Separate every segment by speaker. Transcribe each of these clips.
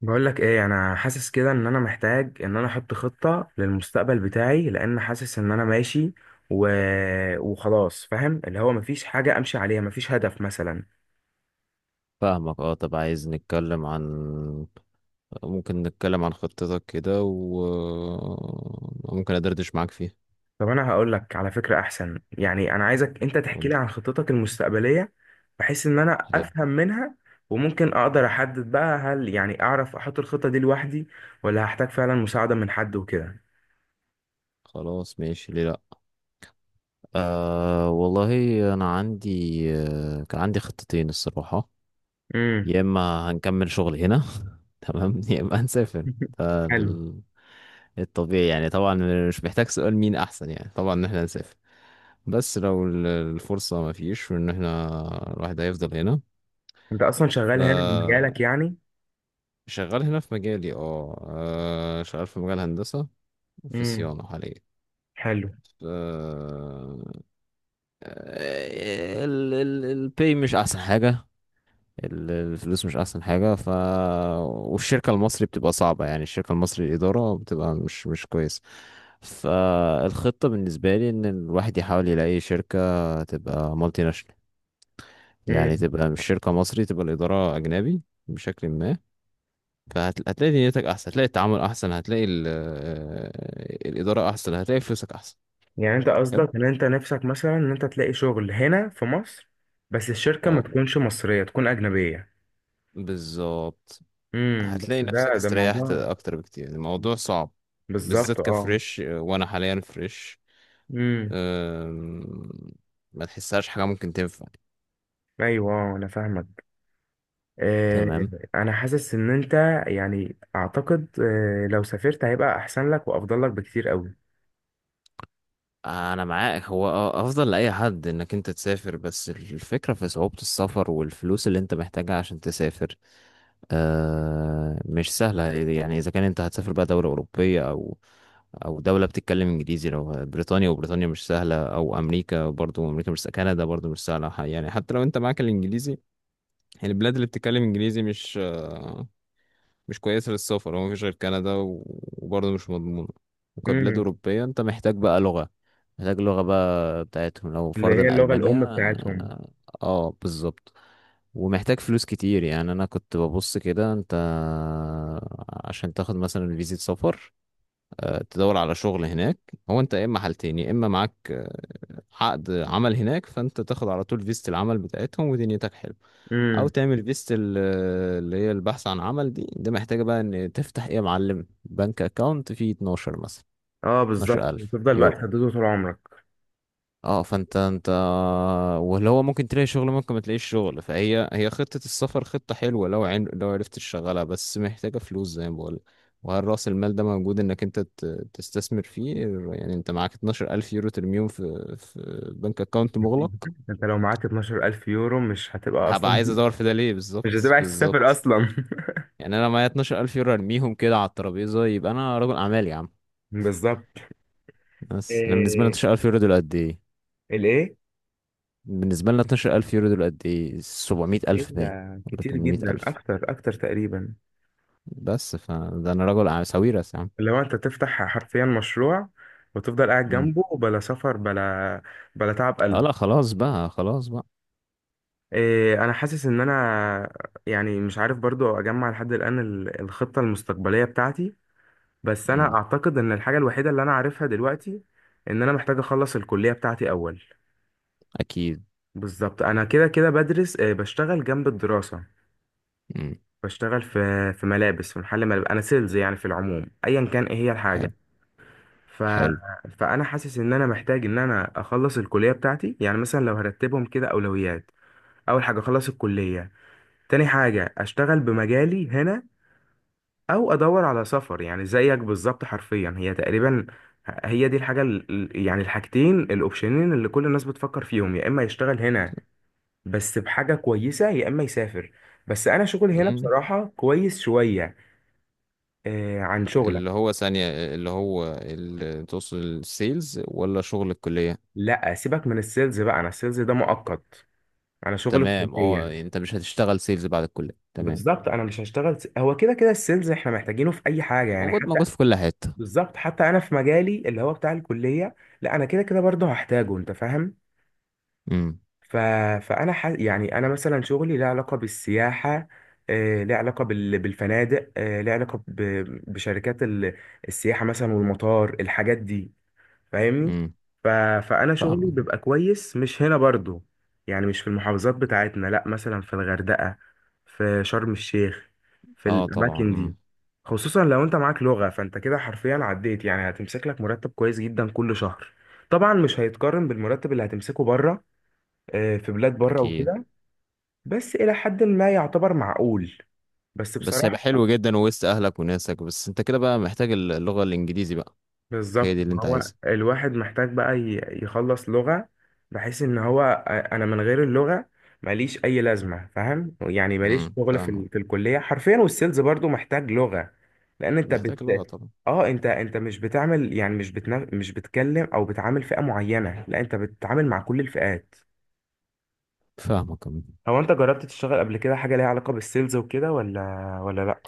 Speaker 1: بقول لك ايه، انا حاسس كده ان انا محتاج ان انا احط خطة للمستقبل بتاعي، لان حاسس ان انا ماشي و... وخلاص فاهم اللي هو مفيش حاجة امشي عليها، مفيش هدف مثلا.
Speaker 2: فاهمك، اه، طب عايز نتكلم عن ممكن نتكلم عن خطتك كده، وممكن ادردش معاك فيها.
Speaker 1: طب انا هقول لك على فكرة احسن، انا عايزك انت تحكي
Speaker 2: قول.
Speaker 1: لي عن خطتك المستقبلية بحيث ان انا
Speaker 2: حلو.
Speaker 1: افهم منها، وممكن اقدر احدد بقى، هل اعرف احط الخطة دي لوحدي ولا هحتاج فعلا مساعدة من حد وكده.
Speaker 2: خلاص، ماشي، ليه لا. آه والله. انا عندي آه كان عندي خطتين الصراحة.
Speaker 1: امم.
Speaker 2: يا اما هنكمل شغل هنا، تمام، يا اما هنسافر. ده
Speaker 1: حلو.
Speaker 2: ال- الطبيعي يعني طبعا. مش محتاج سؤال مين احسن، يعني طبعا ان احنا نسافر. بس لو الفرصة ما فيش، وان احنا الواحد هيفضل هنا.
Speaker 1: انت اصلا شغال هنا في
Speaker 2: آه،
Speaker 1: مجالك يعني.
Speaker 2: شغال هنا في مجالي، اه، شغال في مجال هندسة، في
Speaker 1: امم.
Speaker 2: صيانة حاليا.
Speaker 1: حلو.
Speaker 2: ف- آه، ال ال الباي مش أحسن حاجة، الفلوس مش أحسن حاجة. والشركة المصري بتبقى صعبة، يعني الشركة المصري الإدارة بتبقى مش كويس. فالخطة بالنسبة لي إن الواحد يحاول يلاقي شركة تبقى مالتي ناشونال، يعني
Speaker 1: مم.
Speaker 2: تبقى مش شركة مصري، تبقى الإدارة أجنبي بشكل ما. فهتلاقي دنيتك احسن، هتلاقي التعامل احسن، هتلاقي الاداره احسن، هتلاقي فلوسك احسن.
Speaker 1: يعني انت
Speaker 2: حلو.
Speaker 1: قصدك ان انت نفسك مثلا ان انت تلاقي شغل هنا في مصر، بس الشركة ما
Speaker 2: اه
Speaker 1: تكونش مصرية، تكون أجنبية.
Speaker 2: بالظبط.
Speaker 1: امم.
Speaker 2: هتلاقي
Speaker 1: بس
Speaker 2: نفسك
Speaker 1: ده
Speaker 2: استريحت
Speaker 1: موضوع.
Speaker 2: اكتر بكتير. الموضوع صعب، بالذات
Speaker 1: بالظبط، اه.
Speaker 2: كفريش، وانا حاليا فريش.
Speaker 1: امم.
Speaker 2: أم، ما تحسهاش حاجه ممكن تنفع.
Speaker 1: ايوه، انا فاهمك. آه.
Speaker 2: تمام.
Speaker 1: انا حاسس ان انت، يعني اعتقد لو سافرت هيبقى احسن لك وافضل لك بكتير قوي.
Speaker 2: انا معاك، هو اه افضل لاي حد انك انت تسافر، بس الفكره في صعوبه السفر والفلوس اللي انت محتاجها عشان تسافر. مش سهلة، يعني إذا كان أنت هتسافر بقى دولة أوروبية، أو دولة بتتكلم إنجليزي. لو بريطانيا، وبريطانيا مش سهلة، أو أمريكا، برضو أمريكا مش سهلة، كندا برضو مش سهلة. يعني حتى لو أنت معاك الإنجليزي، يعني البلاد اللي بتتكلم إنجليزي مش كويسة للسفر. هو مفيش غير كندا وبرضه مش مضمونة. وكبلاد
Speaker 1: امم.
Speaker 2: أوروبية أنت محتاج بقى لغة، محتاج لغة بقى بتاعتهم. لو
Speaker 1: اللي هي
Speaker 2: فرضا
Speaker 1: اللغة
Speaker 2: ألمانيا،
Speaker 1: الام بتاعتهم.
Speaker 2: اه. بالظبط. ومحتاج فلوس كتير. يعني أنا كنت ببص كده، أنت عشان تاخد مثلا فيزة سفر، تدور على شغل هناك، هو أنت يا إما حالتين: يا إما معاك عقد عمل هناك، فانت تاخد على طول فيزة العمل بتاعتهم ودنيتك حلوة، او
Speaker 1: امم.
Speaker 2: تعمل فيزة اللي هي البحث عن عمل دي، ده محتاجة بقى ان تفتح ايه يا معلم، بنك اكاونت فيه 12 مثلا،
Speaker 1: اه، بالظبط.
Speaker 2: 12000
Speaker 1: وتفضل بقى
Speaker 2: يورو.
Speaker 1: تهدده طول عمرك.
Speaker 2: اه فانت، واللي هو ممكن تلاقي شغل، ممكن ما تلاقيش شغل. فهي خطة السفر، خطة حلوة لو لو عرفت تشغلها، بس محتاجة فلوس زي ما بقول. وهل رأس المال ده موجود انك انت تستثمر فيه؟ يعني انت معاك 12000 يورو ترميهم في بنك اكاونت مغلق؟
Speaker 1: انت لو معاك 12,000 يورو مش هتبقى
Speaker 2: هبقى
Speaker 1: اصلا،
Speaker 2: عايز ادور في ده ليه؟
Speaker 1: مش هتبقى
Speaker 2: بالظبط،
Speaker 1: عايز تسافر
Speaker 2: بالظبط.
Speaker 1: اصلا.
Speaker 2: يعني انا معايا 12000 يورو ارميهم كده على الترابيزه، يبقى انا رجل اعمال يا عم.
Speaker 1: بالظبط.
Speaker 2: بس انا بالنسبه لي
Speaker 1: إيه؟
Speaker 2: 12000 يورو دول قد ايه؟
Speaker 1: الايه؟
Speaker 2: بالنسبه لنا 12000 يورو دول قد ايه؟
Speaker 1: ايه
Speaker 2: 700000
Speaker 1: ده؟
Speaker 2: باين، ولا
Speaker 1: كتير جدا،
Speaker 2: 800000.
Speaker 1: اكتر اكتر تقريبا.
Speaker 2: بس فده انا رجل أعمال- ساويرس يا عم.
Speaker 1: لو انت تفتح حرفيا مشروع وتفضل قاعد
Speaker 2: امم.
Speaker 1: جنبه، بلا سفر بلا بلا تعب
Speaker 2: اه
Speaker 1: قلب.
Speaker 2: لا، خلاص بقى، خلاص بقى.
Speaker 1: إيه. انا حاسس ان انا، مش عارف برضو اجمع لحد الان الخطة المستقبلية بتاعتي. بس انا
Speaker 2: امم.
Speaker 1: اعتقد ان الحاجة الوحيدة اللي انا عارفها دلوقتي ان انا محتاج اخلص الكلية بتاعتي اول.
Speaker 2: اكيد.
Speaker 1: بالظبط، انا كده كده بدرس بشتغل جنب الدراسة.
Speaker 2: امم.
Speaker 1: بشتغل في ملابس، في محل ملابس، انا سيلز. يعني في العموم ايا كان ايه هي
Speaker 2: حلو.
Speaker 1: الحاجه. ف...
Speaker 2: حلو.
Speaker 1: فانا حاسس ان انا محتاج ان انا اخلص الكليه بتاعتي. يعني مثلا لو هرتبهم كده اولويات، اول حاجه اخلص الكليه، تاني حاجه اشتغل بمجالي هنا، او ادور على سفر، يعني زيك بالظبط حرفيا. هي تقريبا هي دي الحاجه يعني الحاجتين الاوبشنين اللي كل الناس بتفكر فيهم، يا اما يشتغل هنا بس بحاجه كويسه، يا اما يسافر. بس انا شغلي هنا
Speaker 2: امم.
Speaker 1: بصراحه كويس شويه. عن شغلك.
Speaker 2: اللي هو ثانية، اللي هو اللي توصل، السيلز ولا شغل الكلية؟
Speaker 1: لا سيبك من السيلز بقى، انا السيلز ده مؤقت. انا شغل
Speaker 2: تمام، اه.
Speaker 1: الكليه.
Speaker 2: يعني انت مش هتشتغل سيلز بعد الكلية؟ تمام.
Speaker 1: بالظبط انا مش هشتغل هو كده كده السيلز احنا محتاجينه في اي حاجه، يعني
Speaker 2: موجود،
Speaker 1: حتى.
Speaker 2: موجود في كل حتة.
Speaker 1: بالظبط، حتى انا في مجالي اللي هو بتاع الكليه، لا انا كده كده برضه هحتاجه، انت فاهم.
Speaker 2: امم.
Speaker 1: ف... يعني انا مثلا شغلي له علاقه بالسياحه، ليه علاقه بالفنادق، ليه علاقه بشركات السياحه مثلا، والمطار، الحاجات دي، فاهمني.
Speaker 2: امم. مم.
Speaker 1: ف... فانا شغلي
Speaker 2: فاهم.
Speaker 1: بيبقى كويس مش هنا برضو، يعني مش في المحافظات بتاعتنا، لا مثلا في الغردقة، في شرم الشيخ، في
Speaker 2: اه طبعا.
Speaker 1: الاماكن دي.
Speaker 2: امم.
Speaker 1: خصوصا لو انت معاك لغة، فانت كده حرفيا عديت، يعني هتمسك لك مرتب كويس جدا كل شهر. طبعا مش هيتقارن بالمرتب اللي هتمسكه بره، في بلاد بره
Speaker 2: اكيد.
Speaker 1: وكده، بس الى حد ما يعتبر معقول. بس
Speaker 2: بس
Speaker 1: بصراحة
Speaker 2: هيبقى حلو جدا وسط اهلك وناسك. بس انت كده بقى محتاج اللغة الانجليزي بقى. هي
Speaker 1: بالظبط،
Speaker 2: دي اللي انت
Speaker 1: هو
Speaker 2: عايزها.
Speaker 1: الواحد محتاج بقى يخلص لغة، بحيث ان هو انا من غير اللغة ماليش اي لازمة، فاهم يعني، ماليش
Speaker 2: امم،
Speaker 1: شغل
Speaker 2: فاهمك.
Speaker 1: في الكلية حرفيا، والسيلز برضو محتاج لغة. لان انت
Speaker 2: محتاج
Speaker 1: بت
Speaker 2: لغة طبعا.
Speaker 1: اه، انت مش بتعمل، يعني مش مش بتكلم او بتعامل فئة معينة، لا انت بتتعامل مع كل الفئات.
Speaker 2: فاهمك، أمم.
Speaker 1: هو انت جربت تشتغل قبل كده حاجة ليها علاقة بالسيلز وكده ولا لا؟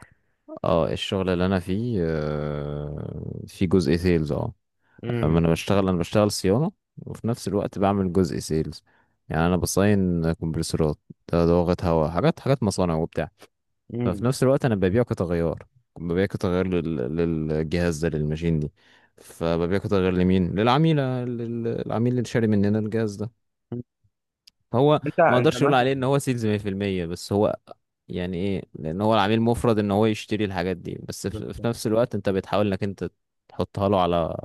Speaker 2: اه، الشغل اللي انا فيه في جزء سيلز، اه. أما
Speaker 1: امم.
Speaker 2: انا بشتغل، صيانة، وفي نفس الوقت بعمل جزء سيلز. يعني انا بصين كمبرسورات، ده ضغط هواء، حاجات حاجات مصانع وبتاع.
Speaker 1: امم.
Speaker 2: ففي نفس الوقت انا ببيعه كتغير، للجهاز ده، للماشين دي. فببيعه كتغير لمين؟ للعميل، العميل اللي شاري مننا الجهاز ده. هو
Speaker 1: انت
Speaker 2: ما
Speaker 1: انت
Speaker 2: اقدرش اقول عليه ان
Speaker 1: مثلا،
Speaker 2: هو سيلز 100%، بس هو يعني ايه، لان هو العميل مفرض ان هو يشتري الحاجات دي، بس في نفس الوقت انت بتحاول انك انت تحطها له على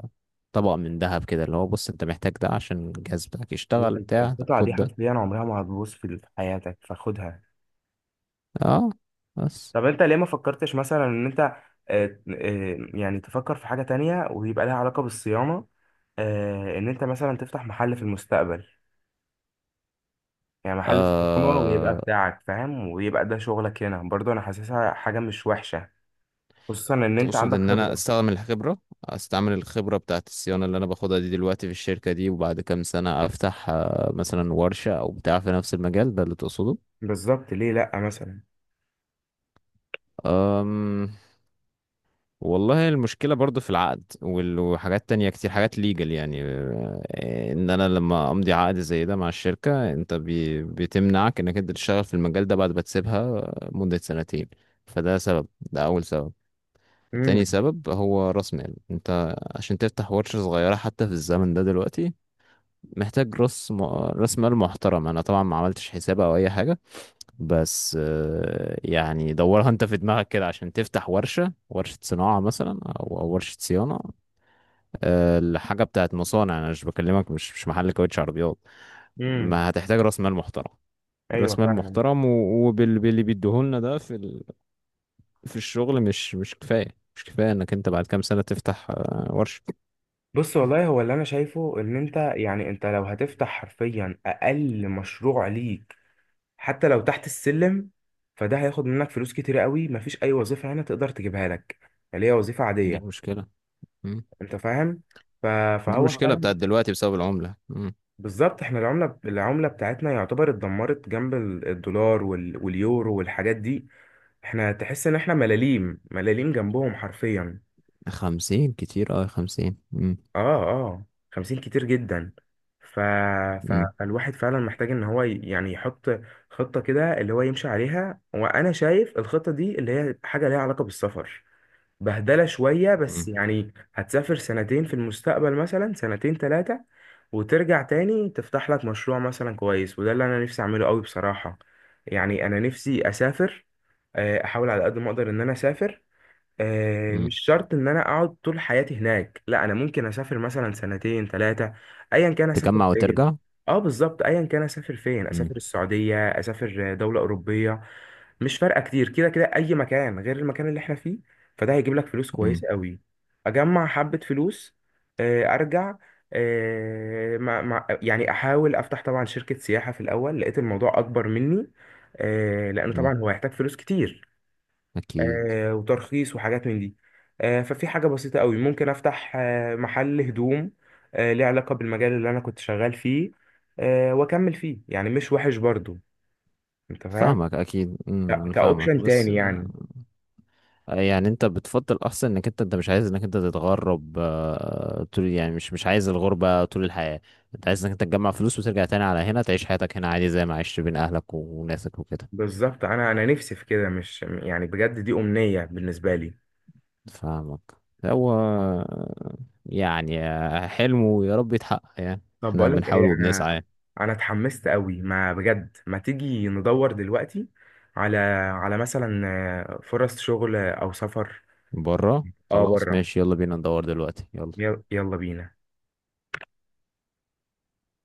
Speaker 2: طبق من ذهب كده، اللي هو بص، انت محتاج ده عشان الجهاز بتاعك يشتغل
Speaker 1: هي
Speaker 2: بتاع. طب
Speaker 1: القطعة دي
Speaker 2: خد ده.
Speaker 1: حرفيا عمرها ما هتبوظ في حياتك، فخدها.
Speaker 2: اه بس.
Speaker 1: طب انت ليه ما فكرتش مثلا ان انت يعني تفكر في حاجة تانية ويبقى لها علاقة بالصيانة، ان انت مثلا تفتح محل في المستقبل، يعني محل صيانة ويبقى
Speaker 2: آه
Speaker 1: بتاعك فاهم، ويبقى ده شغلك هنا برضه. انا حاسسها حاجة مش وحشة، خصوصا ان انت
Speaker 2: تقصد
Speaker 1: عندك
Speaker 2: ان انا
Speaker 1: خبرة.
Speaker 2: استخدم الخبرة، استعمل الخبرة بتاعت الصيانة اللي انا باخدها دي دلوقتي في الشركة دي، وبعد كام سنة افتح مثلا ورشة او بتاع في نفس المجال ده، اللي تقصده.
Speaker 1: بالظبط، ليه لأ مثلا.
Speaker 2: أم والله المشكلة برضو في العقد، وحاجات تانية كتير، حاجات ليجل يعني، ان انا لما امضي عقد زي ده مع الشركة، انت بتمنعك انك انت تشتغل في المجال ده بعد ما تسيبها مدة سنتين. فده سبب، ده اول سبب. تاني
Speaker 1: امم.
Speaker 2: سبب هو راس مال. انت عشان تفتح ورشة صغيرة حتى في الزمن ده دلوقتي، محتاج راس مال محترم. انا طبعا ما عملتش حساب او اي حاجة، بس يعني دورها انت في دماغك كده، عشان تفتح ورشة صناعة مثلا، او ورشة صيانة. الحاجة بتاعت مصانع انا مش بكلمك، مش محل كاوتش عربيات.
Speaker 1: امم.
Speaker 2: ما هتحتاج راس مال محترم،
Speaker 1: ايوه
Speaker 2: راس مال
Speaker 1: فعلا.
Speaker 2: محترم. وباللي بيديهولنا ده في في الشغل مش كفاية. مش كفاية انك انت بعد كام سنة تفتح ورشة.
Speaker 1: بص والله، هو اللي انا شايفه ان انت، يعني انت لو هتفتح حرفيا اقل مشروع ليك، حتى لو تحت السلم، فده هياخد منك فلوس كتير قوي. مفيش اي وظيفه هنا تقدر تجيبها لك اللي هي وظيفه
Speaker 2: دي
Speaker 1: عاديه،
Speaker 2: المشكلة. مم.
Speaker 1: انت فاهم. ف-
Speaker 2: دي
Speaker 1: فهو
Speaker 2: المشكلة بتاعت
Speaker 1: فعلا.
Speaker 2: دلوقتي بسبب العملة. مم.
Speaker 1: بالظبط، احنا العمله، العمله بتاعتنا يعتبر اتدمرت جنب الدولار واليورو والحاجات دي. احنا تحس ان احنا ملاليم ملاليم جنبهم حرفيا.
Speaker 2: خمسين كتير، اه خمسين. مم.
Speaker 1: اه اه، 50 كتير جدا. ف... ف...
Speaker 2: مم.
Speaker 1: فالواحد فعلا محتاج ان هو يعني يحط خطة كده اللي هو يمشي عليها. وانا شايف الخطة دي اللي هي حاجة ليها علاقة بالسفر، بهدلة شوية، بس
Speaker 2: مم.
Speaker 1: يعني هتسافر سنتين في المستقبل مثلا، سنتين ثلاثة، وترجع تاني تفتح لك مشروع مثلا كويس، وده اللي أنا نفسي أعمله قوي بصراحة. يعني أنا نفسي أسافر، أحاول على قد ما أقدر إن أنا أسافر.
Speaker 2: مم.
Speaker 1: مش شرط ان انا اقعد طول حياتي هناك، لا انا ممكن اسافر مثلا سنتين ثلاثه، ايا كان اسافر
Speaker 2: تجمع
Speaker 1: فين.
Speaker 2: وترجع.
Speaker 1: اه بالظبط، ايا كان اسافر فين،
Speaker 2: مم.
Speaker 1: اسافر السعوديه، اسافر دوله اوروبيه، مش فارقه. كتير كده كده اي مكان غير المكان اللي احنا فيه، فده هيجيب لك فلوس
Speaker 2: مم.
Speaker 1: كويسه قوي. اجمع حبه فلوس، ارجع، مع يعني احاول افتح طبعا شركه سياحه. في الاول لقيت الموضوع اكبر مني، لان طبعا
Speaker 2: مم.
Speaker 1: هو هيحتاج فلوس كتير،
Speaker 2: أكيد.
Speaker 1: وترخيص وحاجات من دي. ففي حاجة بسيطة قوي ممكن أفتح محل هدوم، ليه علاقة بالمجال اللي أنا كنت شغال فيه، وأكمل فيه، يعني مش وحش برضو. أنت فاهم،
Speaker 2: فاهمك أكيد. مم. فاهمك
Speaker 1: كأوبشن
Speaker 2: بس.
Speaker 1: تاني يعني.
Speaker 2: يعني أنت بتفضل أحسن إنك أنت، مش عايز إنك أنت تتغرب طول، يعني مش عايز الغربة طول الحياة. أنت عايز إنك أنت تجمع فلوس وترجع تاني على هنا، تعيش حياتك هنا عادي زي ما عشت بين أهلك وناسك وكده.
Speaker 1: بالظبط، أنا نفسي في كده، مش يعني بجد دي أمنية بالنسبة لي.
Speaker 2: فاهمك. هو يعني حلمه، يا رب يتحقق. يعني
Speaker 1: طب
Speaker 2: احنا
Speaker 1: بقولك
Speaker 2: بنحاول
Speaker 1: إيه،
Speaker 2: وبنسعى يعني.
Speaker 1: أنا اتحمست قوي ما بجد. ما تيجي ندور دلوقتي على مثلا فرص شغل أو سفر.
Speaker 2: بره،
Speaker 1: أه،
Speaker 2: خلاص
Speaker 1: بره.
Speaker 2: ماشي، يلا بينا ندور دلوقتي، يلا.
Speaker 1: يلا بينا.